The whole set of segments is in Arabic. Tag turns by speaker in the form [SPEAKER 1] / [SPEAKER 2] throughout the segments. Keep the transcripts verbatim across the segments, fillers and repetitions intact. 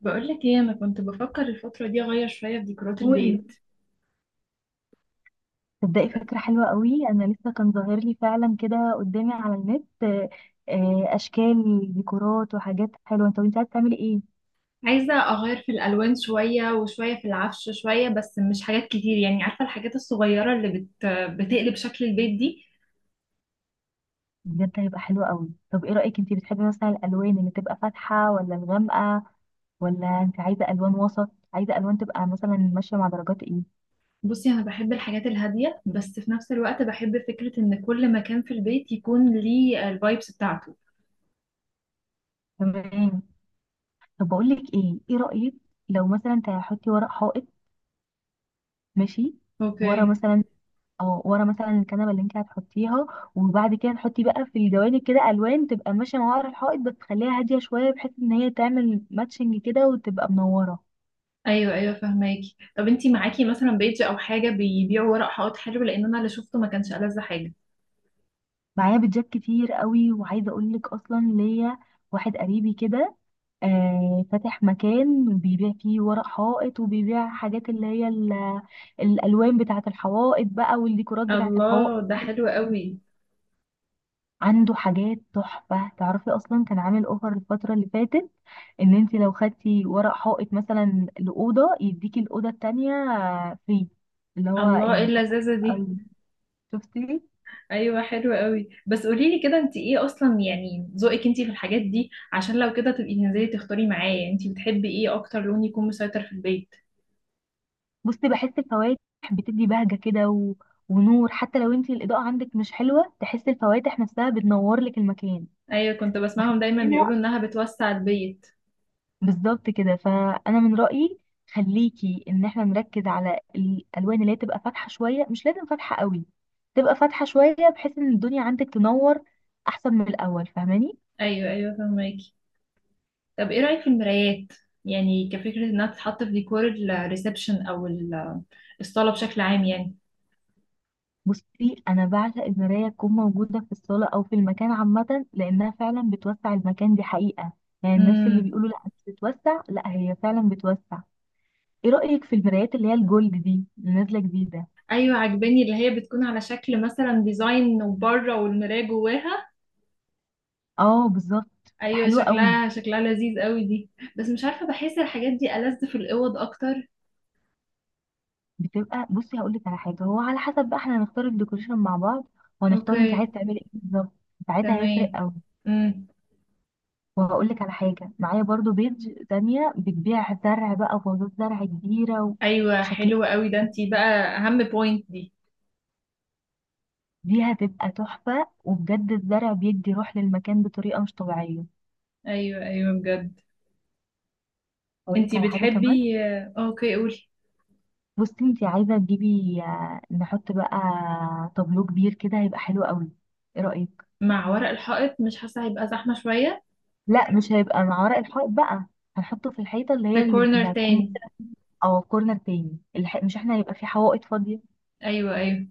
[SPEAKER 1] بقولك ايه؟ انا كنت بفكر الفترة دي اغير شوية في ديكورات
[SPEAKER 2] قولي.
[SPEAKER 1] البيت.
[SPEAKER 2] تبدأي فكرة حلوة قوي. أنا لسه كان ظاهر لي فعلا كده قدامي على النت آه، آه، أشكال ديكورات وحاجات حلوة. طب أنت عايزة تعملي إيه؟
[SPEAKER 1] عايزة اغير في الالوان شوية، وشوية في العفش شوية، بس مش حاجات كتير يعني عارفة الحاجات الصغيرة اللي بت... بتقلب شكل البيت دي.
[SPEAKER 2] بجد هيبقى حلو قوي. طب إيه رأيك، أنت بتحبي مثلا الألوان اللي تبقى فاتحة ولا الغامقة، ولا أنت عايزة ألوان وسط، عايزة ألوان تبقى مثلا ماشية مع درجات إيه؟
[SPEAKER 1] بصي، انا بحب الحاجات الهادية بس في نفس الوقت بحب فكرة ان كل مكان في البيت يكون ليه الفايبس بتاعته.
[SPEAKER 2] تمام. طب بقول لك إيه، إيه رأيك لو مثلا تحطي ورق حائط؟ ماشي. ورا
[SPEAKER 1] اوكي.
[SPEAKER 2] مثلا، اه ورا مثلا الكنبه اللي انت هتحطيها، وبعد كده تحطي بقى في الجوانب كده الوان تبقى ماشيه مع ورا الحائط، بس تخليها هاديه شويه بحيث ان هي تعمل ماتشنج كده وتبقى منوره.
[SPEAKER 1] ايوه، ايوه، فهماكي. طب انتي معاكي مثلا بيج او حاجة بيبيعوا ورق حائط حلو؟ لان انا اللي شفته ما كانش ألذ حاجة.
[SPEAKER 2] معايا بيتزات كتير قوي، وعايزه اقول لك اصلا ليا واحد قريبي كده آه فاتح مكان بيبيع فيه ورق حائط، وبيبيع حاجات اللي هي ال- الالوان بتاعه الحوائط بقى، والديكورات بتاعه الحوائط.
[SPEAKER 1] الله، ده حلو قوي.
[SPEAKER 2] عنده حاجات تحفة. تعرفي أصلا كان عامل أوفر الفترة اللي فاتت، إن أنت لو خدتي ورق حائط مثلا لأوضة يديكي الأوضة التانية فري، اللي هو
[SPEAKER 1] الله، ايه
[SPEAKER 2] يعني أوفر.
[SPEAKER 1] اللذاذة
[SPEAKER 2] حلو
[SPEAKER 1] دي؟
[SPEAKER 2] أوي. شفتي؟
[SPEAKER 1] ايوه، حلو قوي. بس قولي لي كده، انت ايه اصلا يعني ذوقك انت في الحاجات دي؟ عشان لو كده تبقي تنزلي تختاري معايا. يعني انت بتحبي ايه اكتر لون يكون مسيطر في البيت؟
[SPEAKER 2] بصي، بحس الفواتح بتدي بهجة كده و... ونور. حتى لو أنت الإضاءة عندك مش حلوة، تحس الفواتح نفسها بتنور لك المكان.
[SPEAKER 1] ايوه، كنت بسمعهم دايما بيقولوا
[SPEAKER 2] فاخدينها
[SPEAKER 1] انها بتوسع البيت.
[SPEAKER 2] بالظبط كده. فانا من رايي خليكي ان احنا نركز على الالوان اللي هي تبقى فاتحه شويه، مش لازم فاتحه قوي، تبقى فاتحه شويه بحيث ان الدنيا عندك تنور احسن من الاول. فاهماني؟
[SPEAKER 1] ايوه، ايوه، فهماكي. طب ايه رايك في المرايات؟ يعني كفكره انها تتحط في ديكور الريسبشن او ال- الصاله بشكل عام يعني.
[SPEAKER 2] بصي، انا بعشق المرايه تكون موجوده في الصاله او في المكان عامه، لانها فعلا بتوسع المكان، دي حقيقه. يعني الناس اللي
[SPEAKER 1] امم.
[SPEAKER 2] بيقولوا لا مش بتوسع، لا هي فعلا بتوسع. ايه رايك في المرايات اللي هي الجولد دي اللي نازله جديده؟
[SPEAKER 1] ايوه، عجباني اللي هي بتكون على شكل مثلا ديزاين وبره والمرايه جواها.
[SPEAKER 2] اه بالظبط،
[SPEAKER 1] ايوه،
[SPEAKER 2] حلوه قوي.
[SPEAKER 1] شكلها شكلها لذيذ قوي دي. بس مش عارفه، بحس الحاجات دي ألذ في الاوض اكتر.
[SPEAKER 2] بتبقى، بصي هقول لك على حاجه، هو على حسب بقى احنا هنختار الديكوريشن مع بعض، وهنختار انت عايز
[SPEAKER 1] اوكي.
[SPEAKER 2] تعملي ايه بالظبط. ساعتها هيفرق
[SPEAKER 1] تمام.
[SPEAKER 2] قوي.
[SPEAKER 1] امم.
[SPEAKER 2] وهقول لك على حاجه، معايا برضو بيج تانية بتبيع زرع بقى وفازات زرع كبيره
[SPEAKER 1] ايوه، حلو
[SPEAKER 2] وشكلها،
[SPEAKER 1] قوي ده، انتي بقى اهم بوينت دي.
[SPEAKER 2] دي هتبقى تحفه. وبجد الزرع بيدي روح للمكان بطريقه مش طبيعيه.
[SPEAKER 1] ايوه، ايوه، بجد.
[SPEAKER 2] هقول لك
[SPEAKER 1] انتي
[SPEAKER 2] على حاجه كمان.
[SPEAKER 1] بتحبي آه، اوكي، قولي.
[SPEAKER 2] بصي انت عايزه تجيبي، آه، نحط بقى طابلو كبير كده، هيبقى حلو قوي. ايه رايك؟
[SPEAKER 1] مع ورق الحائط؟ مش حاسه هيبقى زحمه شويه؟
[SPEAKER 2] لا مش هيبقى مع ورق الحائط بقى، هنحطه في الحيطه اللي
[SPEAKER 1] في
[SPEAKER 2] هي اللي
[SPEAKER 1] كورنر
[SPEAKER 2] اللي هتكون
[SPEAKER 1] تاني.
[SPEAKER 2] او كورنر تاني. الح... مش احنا هيبقى في حوائط فاضيه،
[SPEAKER 1] ايوه، ايوه.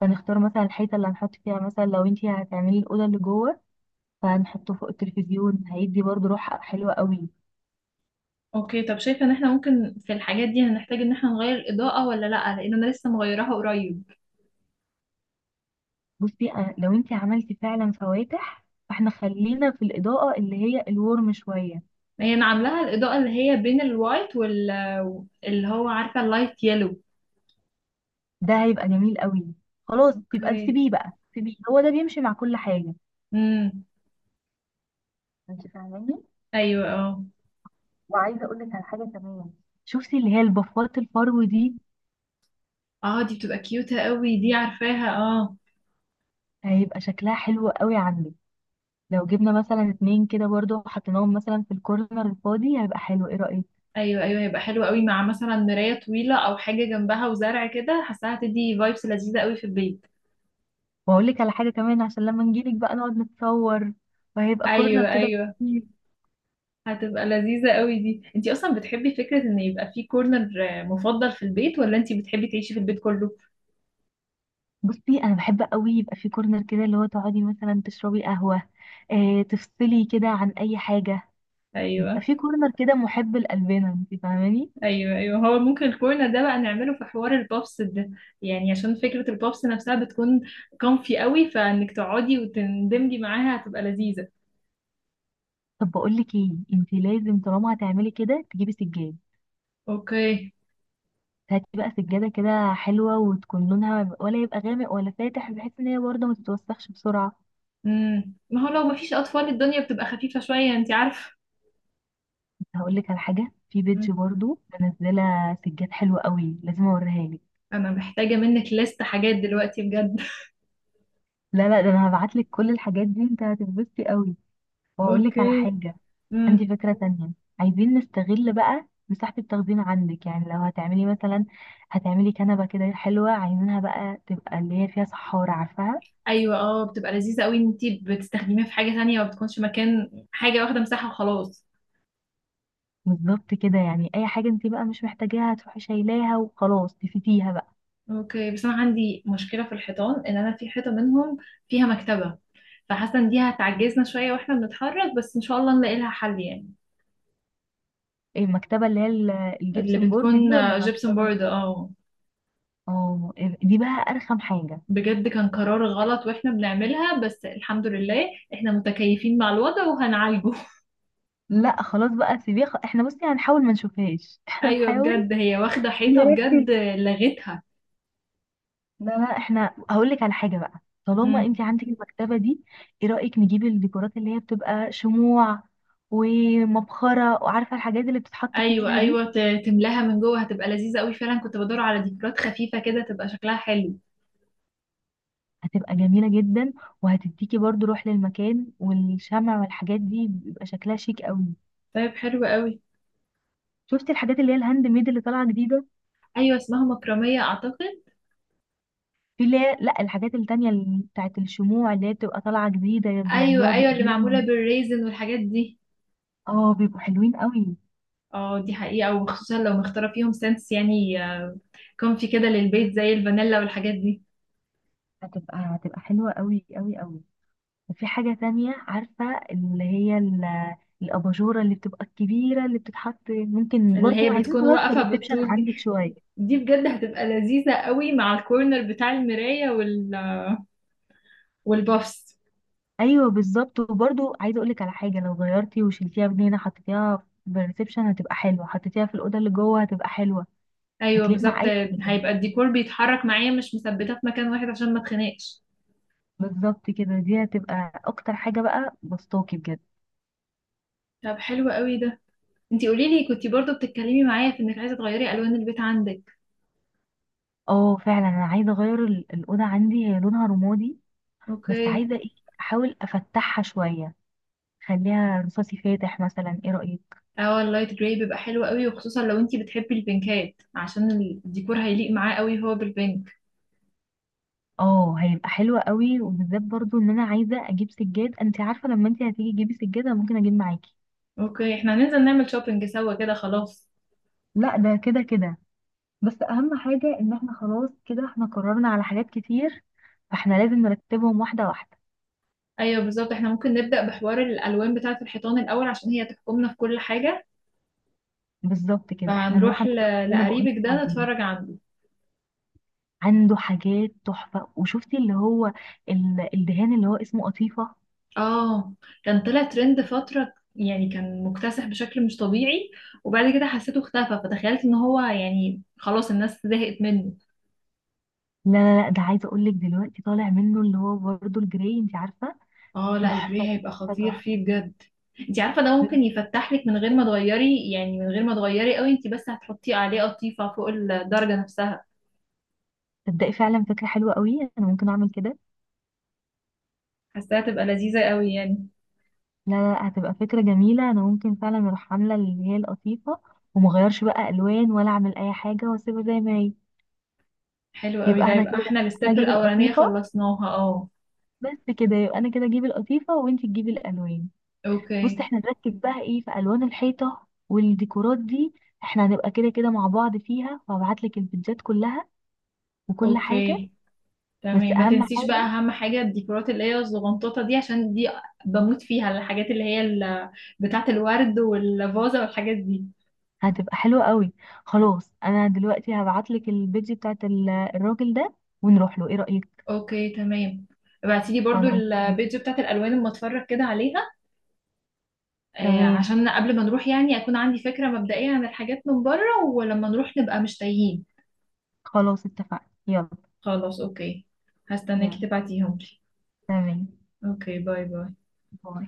[SPEAKER 2] فنختار مثلا الحيطه اللي هنحط فيها، مثلا لو انتي هتعملي الاوضه اللي جوه فهنحطه فوق التلفزيون، هيدي برضو روح حلوه قوي.
[SPEAKER 1] اوكي. طب شايفه ان احنا ممكن في الحاجات دي هنحتاج ان احنا نغير الاضاءه ولا لا؟ لان انا لسه مغيراها قريب.
[SPEAKER 2] بصي أنا- لو انتي عملتي فعلا فواتح، فاحنا خلينا في الاضاءه اللي هي الورم شويه.
[SPEAKER 1] هي انا عاملاها الاضاءه اللي هي بين الوايت وال اللي هو عارفه اللايت يلو.
[SPEAKER 2] ده هيبقى جميل قوي. خلاص يبقى
[SPEAKER 1] اوكي.
[SPEAKER 2] سيبيه بقى، سيبيه، هو ده بيمشي مع كل حاجه.
[SPEAKER 1] امم.
[SPEAKER 2] انت فاهماني؟
[SPEAKER 1] ايوه، اه.
[SPEAKER 2] وعايزه اقول لك على حاجه كمان. شوفي اللي هي البفات الفرو دي،
[SPEAKER 1] اه، دي بتبقى كيوتة قوي دي، عارفاها، اه.
[SPEAKER 2] هيبقى شكلها حلو قوي عندك، لو جبنا مثلا اتنين كده برضو وحطيناهم مثلا في الكورنر الفاضي هيبقى حلو. ايه رأيك؟
[SPEAKER 1] ايوه، ايوه، هيبقى حلو قوي مع مثلا مراية طويلة او حاجة جنبها وزرع كده. حاساها هتدي فايبس لذيذة قوي في البيت.
[SPEAKER 2] واقول لك على حاجة كمان، عشان لما نجيلك بقى نقعد نتصور، وهيبقى كورنر
[SPEAKER 1] ايوه،
[SPEAKER 2] كده
[SPEAKER 1] ايوه،
[SPEAKER 2] لطيف.
[SPEAKER 1] هتبقى لذيذة قوي دي. انتي اصلا بتحبي فكرة ان يبقى في كورنر مفضل في البيت، ولا انتي بتحبي تعيشي في البيت كله؟
[SPEAKER 2] بصي انا بحب قوي يبقى في كورنر كده، اللي هو تقعدي مثلا تشربي قهوة، اه تفصلي كده عن اي حاجة. يبقى
[SPEAKER 1] ايوه
[SPEAKER 2] في كورنر كده محب لقلبنا. انت فاهماني؟
[SPEAKER 1] ايوه. ايوه، هو ممكن الكورنر ده بقى نعمله في حوار البابس ده. يعني عشان فكرة البابس نفسها بتكون كومفي قوي فانك تقعدي وتندمجي معاها هتبقى لذيذة.
[SPEAKER 2] طب بقول لك ايه، انت لازم طالما هتعملي كده تجيبي سجاد.
[SPEAKER 1] اوكي.
[SPEAKER 2] هاتي بقى سجادة كده حلوة، وتكون لونها ولا يبقى غامق ولا فاتح بحيث ان هي برضه ما تتوسخش بسرعة.
[SPEAKER 1] امم ما هو لو مفيش اطفال الدنيا بتبقى خفيفة شوية، انت عارفة.
[SPEAKER 2] هقول لك على حاجه، في بيج
[SPEAKER 1] مم.
[SPEAKER 2] برضو منزله سجاد حلوه قوي، لازم اوريها لك.
[SPEAKER 1] انا محتاجة منك لست حاجات دلوقتي بجد.
[SPEAKER 2] لا لا، ده انا هبعت لك كل الحاجات دي، انت هتتبسطي قوي. وهقول لك على
[SPEAKER 1] اوكي.
[SPEAKER 2] حاجه، عندي
[SPEAKER 1] امم.
[SPEAKER 2] فكره تانية. عايزين نستغل بقى مساحه التخزين عندك، يعني لو هتعملي مثلا، هتعملي كنبه كده حلوه، عايزينها بقى تبقى اللي هي فيها سحاره، عارفاها؟
[SPEAKER 1] ايوه، اه. بتبقى لذيذة قوي ان انت بتستخدميها في حاجة تانية، ما بتكونش مكان حاجة واخدة مساحة وخلاص.
[SPEAKER 2] بالظبط كده. يعني اي حاجه انت بقى مش محتاجاها هتروحي شايلاها وخلاص تفيتيها بقى.
[SPEAKER 1] اوكي. بس انا عندي مشكلة في الحيطان ان انا في حيطة منهم فيها مكتبة. فحاسة ان دي هتعجزنا شوية واحنا بنتحرك، بس ان شاء الله نلاقي لها حل يعني.
[SPEAKER 2] ايه المكتبه اللي هي ال-
[SPEAKER 1] اللي
[SPEAKER 2] الجبسن بورد دي
[SPEAKER 1] بتكون
[SPEAKER 2] ولا
[SPEAKER 1] آه، جبسن
[SPEAKER 2] مكتبه؟
[SPEAKER 1] بورد، اه.
[SPEAKER 2] اه إيه، دي بقى ارخم حاجه.
[SPEAKER 1] بجد كان قرار غلط واحنا بنعملها، بس الحمد لله احنا متكيفين مع الوضع وهنعالجه.
[SPEAKER 2] لا خلاص بقى سيبيه، خ- احنا بصي هنحاول ما نشوفهاش. احنا
[SPEAKER 1] ايوه،
[SPEAKER 2] نحاول
[SPEAKER 1] بجد هي واخده حيطه بجد.
[SPEAKER 2] نركز.
[SPEAKER 1] لغتها.
[SPEAKER 2] لا لا، احنا هقول لك على حاجه بقى، طالما
[SPEAKER 1] امم.
[SPEAKER 2] انت عندك المكتبه دي، ايه رايك نجيب الديكورات اللي هي بتبقى شموع ومبخره، وعارفه الحاجات اللي بتتحط
[SPEAKER 1] ايوه،
[SPEAKER 2] فيها دي؟
[SPEAKER 1] ايوه، ت- تملاها من جوه هتبقى لذيذه قوي. فعلا كنت بدور على ديكورات خفيفه كده تبقى شكلها حلو.
[SPEAKER 2] هتبقى جميله جدا، وهتديكي برضو روح للمكان، والشمع والحاجات دي بيبقى شكلها شيك قوي.
[SPEAKER 1] طيب، حلو قوي.
[SPEAKER 2] شفتي الحاجات اللي هي الهاند ميد اللي طالعه جديده؟
[SPEAKER 1] ايوه، اسمها مكرميه اعتقد.
[SPEAKER 2] في اللي هي، لا الحاجات التانية اللي بتاعت الشموع اللي هي بتبقى طالعه جديده،
[SPEAKER 1] ايوه،
[SPEAKER 2] بيعملوها
[SPEAKER 1] ايوه، اللي معموله
[SPEAKER 2] بايديهم.
[SPEAKER 1] بالريزن والحاجات دي.
[SPEAKER 2] اه بيبقوا حلوين قوي.
[SPEAKER 1] اه، دي حقيقه. وخصوصا لو مختاره فيهم سنس يعني آه، كومفي كده للبيت زي الفانيلا والحاجات دي.
[SPEAKER 2] هتبقى هتبقى حلوة قوي قوي قوي. وفي حاجة تانية، عارفة، اللي هي ال- الأباجورة اللي بتبقى الكبيرة اللي بتتحط، ممكن
[SPEAKER 1] اللي
[SPEAKER 2] برضو
[SPEAKER 1] هي
[SPEAKER 2] عايزين
[SPEAKER 1] بتكون
[SPEAKER 2] نغير في
[SPEAKER 1] واقفه
[SPEAKER 2] الريسبشن
[SPEAKER 1] بالطول دي.
[SPEAKER 2] عندك شوية.
[SPEAKER 1] دي بجد هتبقى لذيذة قوي مع الكورنر بتاع المراية وال... والبافس.
[SPEAKER 2] أيوة بالظبط. وبرضو عايزة أقولك على حاجة، لو غيرتي وشلتيها من هنا حطيتيها في الريسبشن هتبقى حلوة، حطيتيها في الأوضة اللي جوه هتبقى حلوة،
[SPEAKER 1] ايوه،
[SPEAKER 2] هتليق
[SPEAKER 1] بالظبط.
[SPEAKER 2] مع أي حاجة.
[SPEAKER 1] هيبقى الديكور بيتحرك معايا مش مثبتة في مكان واحد عشان ما اتخنقش.
[SPEAKER 2] بالظبط كده، دي هتبقى أكتر حاجة بقى بسطاكي بجد.
[SPEAKER 1] طب حلو قوي ده. انتي قولي لي، كنتي برضو بتتكلمي معايا في انك عايزة تغيري الوان البيت عندك.
[SPEAKER 2] اه فعلا أنا عايزة أغير ال- الأوضة عندي، هي لونها رمادي بس
[SPEAKER 1] اوكي.
[SPEAKER 2] عايزة ايه، احاول افتحها شوية، خليها رصاصي فاتح مثلا. ايه رأيك؟
[SPEAKER 1] اه، اللايت جراي بيبقى حلو قوي. وخصوصا لو انتي بتحبي البينكات عشان الديكور هيليق معاه قوي هو بالبينك.
[SPEAKER 2] اه هيبقى حلوة قوي، وبالذات برضو ان انا عايزة اجيب سجاد. انت عارفة لما انت هتيجي تجيبي سجادة ممكن اجيب معاكي.
[SPEAKER 1] اوكي، احنا هننزل نعمل شوبينج سوا كده خلاص.
[SPEAKER 2] لا ده كده كده، بس اهم حاجة ان احنا خلاص كده احنا قررنا على حاجات كتير، فاحنا لازم نرتبهم واحدة واحدة.
[SPEAKER 1] ايوه، بالظبط. احنا ممكن نبدأ بحوار الالوان بتاعة الحيطان الاول عشان هي تحكمنا في كل حاجة.
[SPEAKER 2] بالظبط كده، احنا نروح
[SPEAKER 1] فهنروح
[SPEAKER 2] عند
[SPEAKER 1] ل...
[SPEAKER 2] الراجل اللي انا بقول
[SPEAKER 1] لقريبك
[SPEAKER 2] لك
[SPEAKER 1] ده
[SPEAKER 2] عليه،
[SPEAKER 1] نتفرج عنده.
[SPEAKER 2] عنده حاجات تحفة. وشفتي اللي هو ال- الدهان اللي هو اسمه قطيفة؟
[SPEAKER 1] اه. كان طلع ترند فترة، يعني كان مكتسح بشكل مش طبيعي. وبعد كده حسيته اختفى فتخيلت ان هو يعني خلاص الناس زهقت منه.
[SPEAKER 2] لا لا لا، ده عايزه اقول لك دلوقتي طالع منه اللي هو برضه الجراي، انت عارفه.
[SPEAKER 1] اه، لا،
[SPEAKER 2] تحفه،
[SPEAKER 1] الجري هيبقى
[SPEAKER 2] تحفه،
[SPEAKER 1] خطير
[SPEAKER 2] تحفه.
[SPEAKER 1] فيه بجد. انت عارفة ده ممكن يفتح لك من غير ما تغيري، يعني من غير ما تغيري قوي. انت بس هتحطي عليه قطيفة فوق الدرجة نفسها.
[SPEAKER 2] تبدأي فعلا فكره حلوه قوي، انا ممكن اعمل كده.
[SPEAKER 1] حاساها تبقى لذيذة قوي يعني.
[SPEAKER 2] لا لا لا، هتبقى فكره جميله، انا ممكن فعلا اروح عامله اللي هي القطيفه، ومغيرش بقى الوان، ولا اعمل اي حاجه واسيبها زي ما هي.
[SPEAKER 1] حلو قوي
[SPEAKER 2] يبقى
[SPEAKER 1] ده.
[SPEAKER 2] احنا
[SPEAKER 1] يبقى
[SPEAKER 2] كده،
[SPEAKER 1] احنا
[SPEAKER 2] انا
[SPEAKER 1] الستيب
[SPEAKER 2] اجيب
[SPEAKER 1] الأولانية
[SPEAKER 2] القطيفه
[SPEAKER 1] خلصناها، اه.
[SPEAKER 2] بس كده. يبقى انا كده اجيب القطيفه، وانت تجيبي الالوان. بص،
[SPEAKER 1] اوكي.
[SPEAKER 2] احنا نركز بقى ايه في الوان الحيطه والديكورات دي. احنا هنبقى كده كده مع بعض فيها، وهبعت لك الفيديوهات كلها وكل حاجه.
[SPEAKER 1] اوكي،
[SPEAKER 2] بس
[SPEAKER 1] تمام. ما
[SPEAKER 2] اهم
[SPEAKER 1] تنسيش بقى
[SPEAKER 2] حاجه،
[SPEAKER 1] اهم حاجه، الديكورات اللي هي الزغنطوطه دي عشان دي بموت فيها. الحاجات اللي هي ال- بتاعه الورد والفازه والحاجات دي.
[SPEAKER 2] هتبقى حلوه قوي. خلاص انا دلوقتي هبعت لك البيج بتاعت ال- الراجل ده، ونروح له. ايه رايك؟
[SPEAKER 1] اوكي، تمام. ابعتي لي برضو
[SPEAKER 2] خلاص.
[SPEAKER 1] البيج بتاعه الالوان اما اتفرج كده عليها. آه
[SPEAKER 2] تمام.
[SPEAKER 1] عشان قبل ما نروح يعني اكون عندي فكره مبدئيه عن الحاجات من بره ولما نروح نبقى مش تايهين.
[SPEAKER 2] خلاص اتفقنا، يلا.
[SPEAKER 1] خلاص، اوكي. هستناكي
[SPEAKER 2] يلا.
[SPEAKER 1] تبعتيهم لي.
[SPEAKER 2] تمام.
[SPEAKER 1] اوكي، باي، باي.
[SPEAKER 2] باي.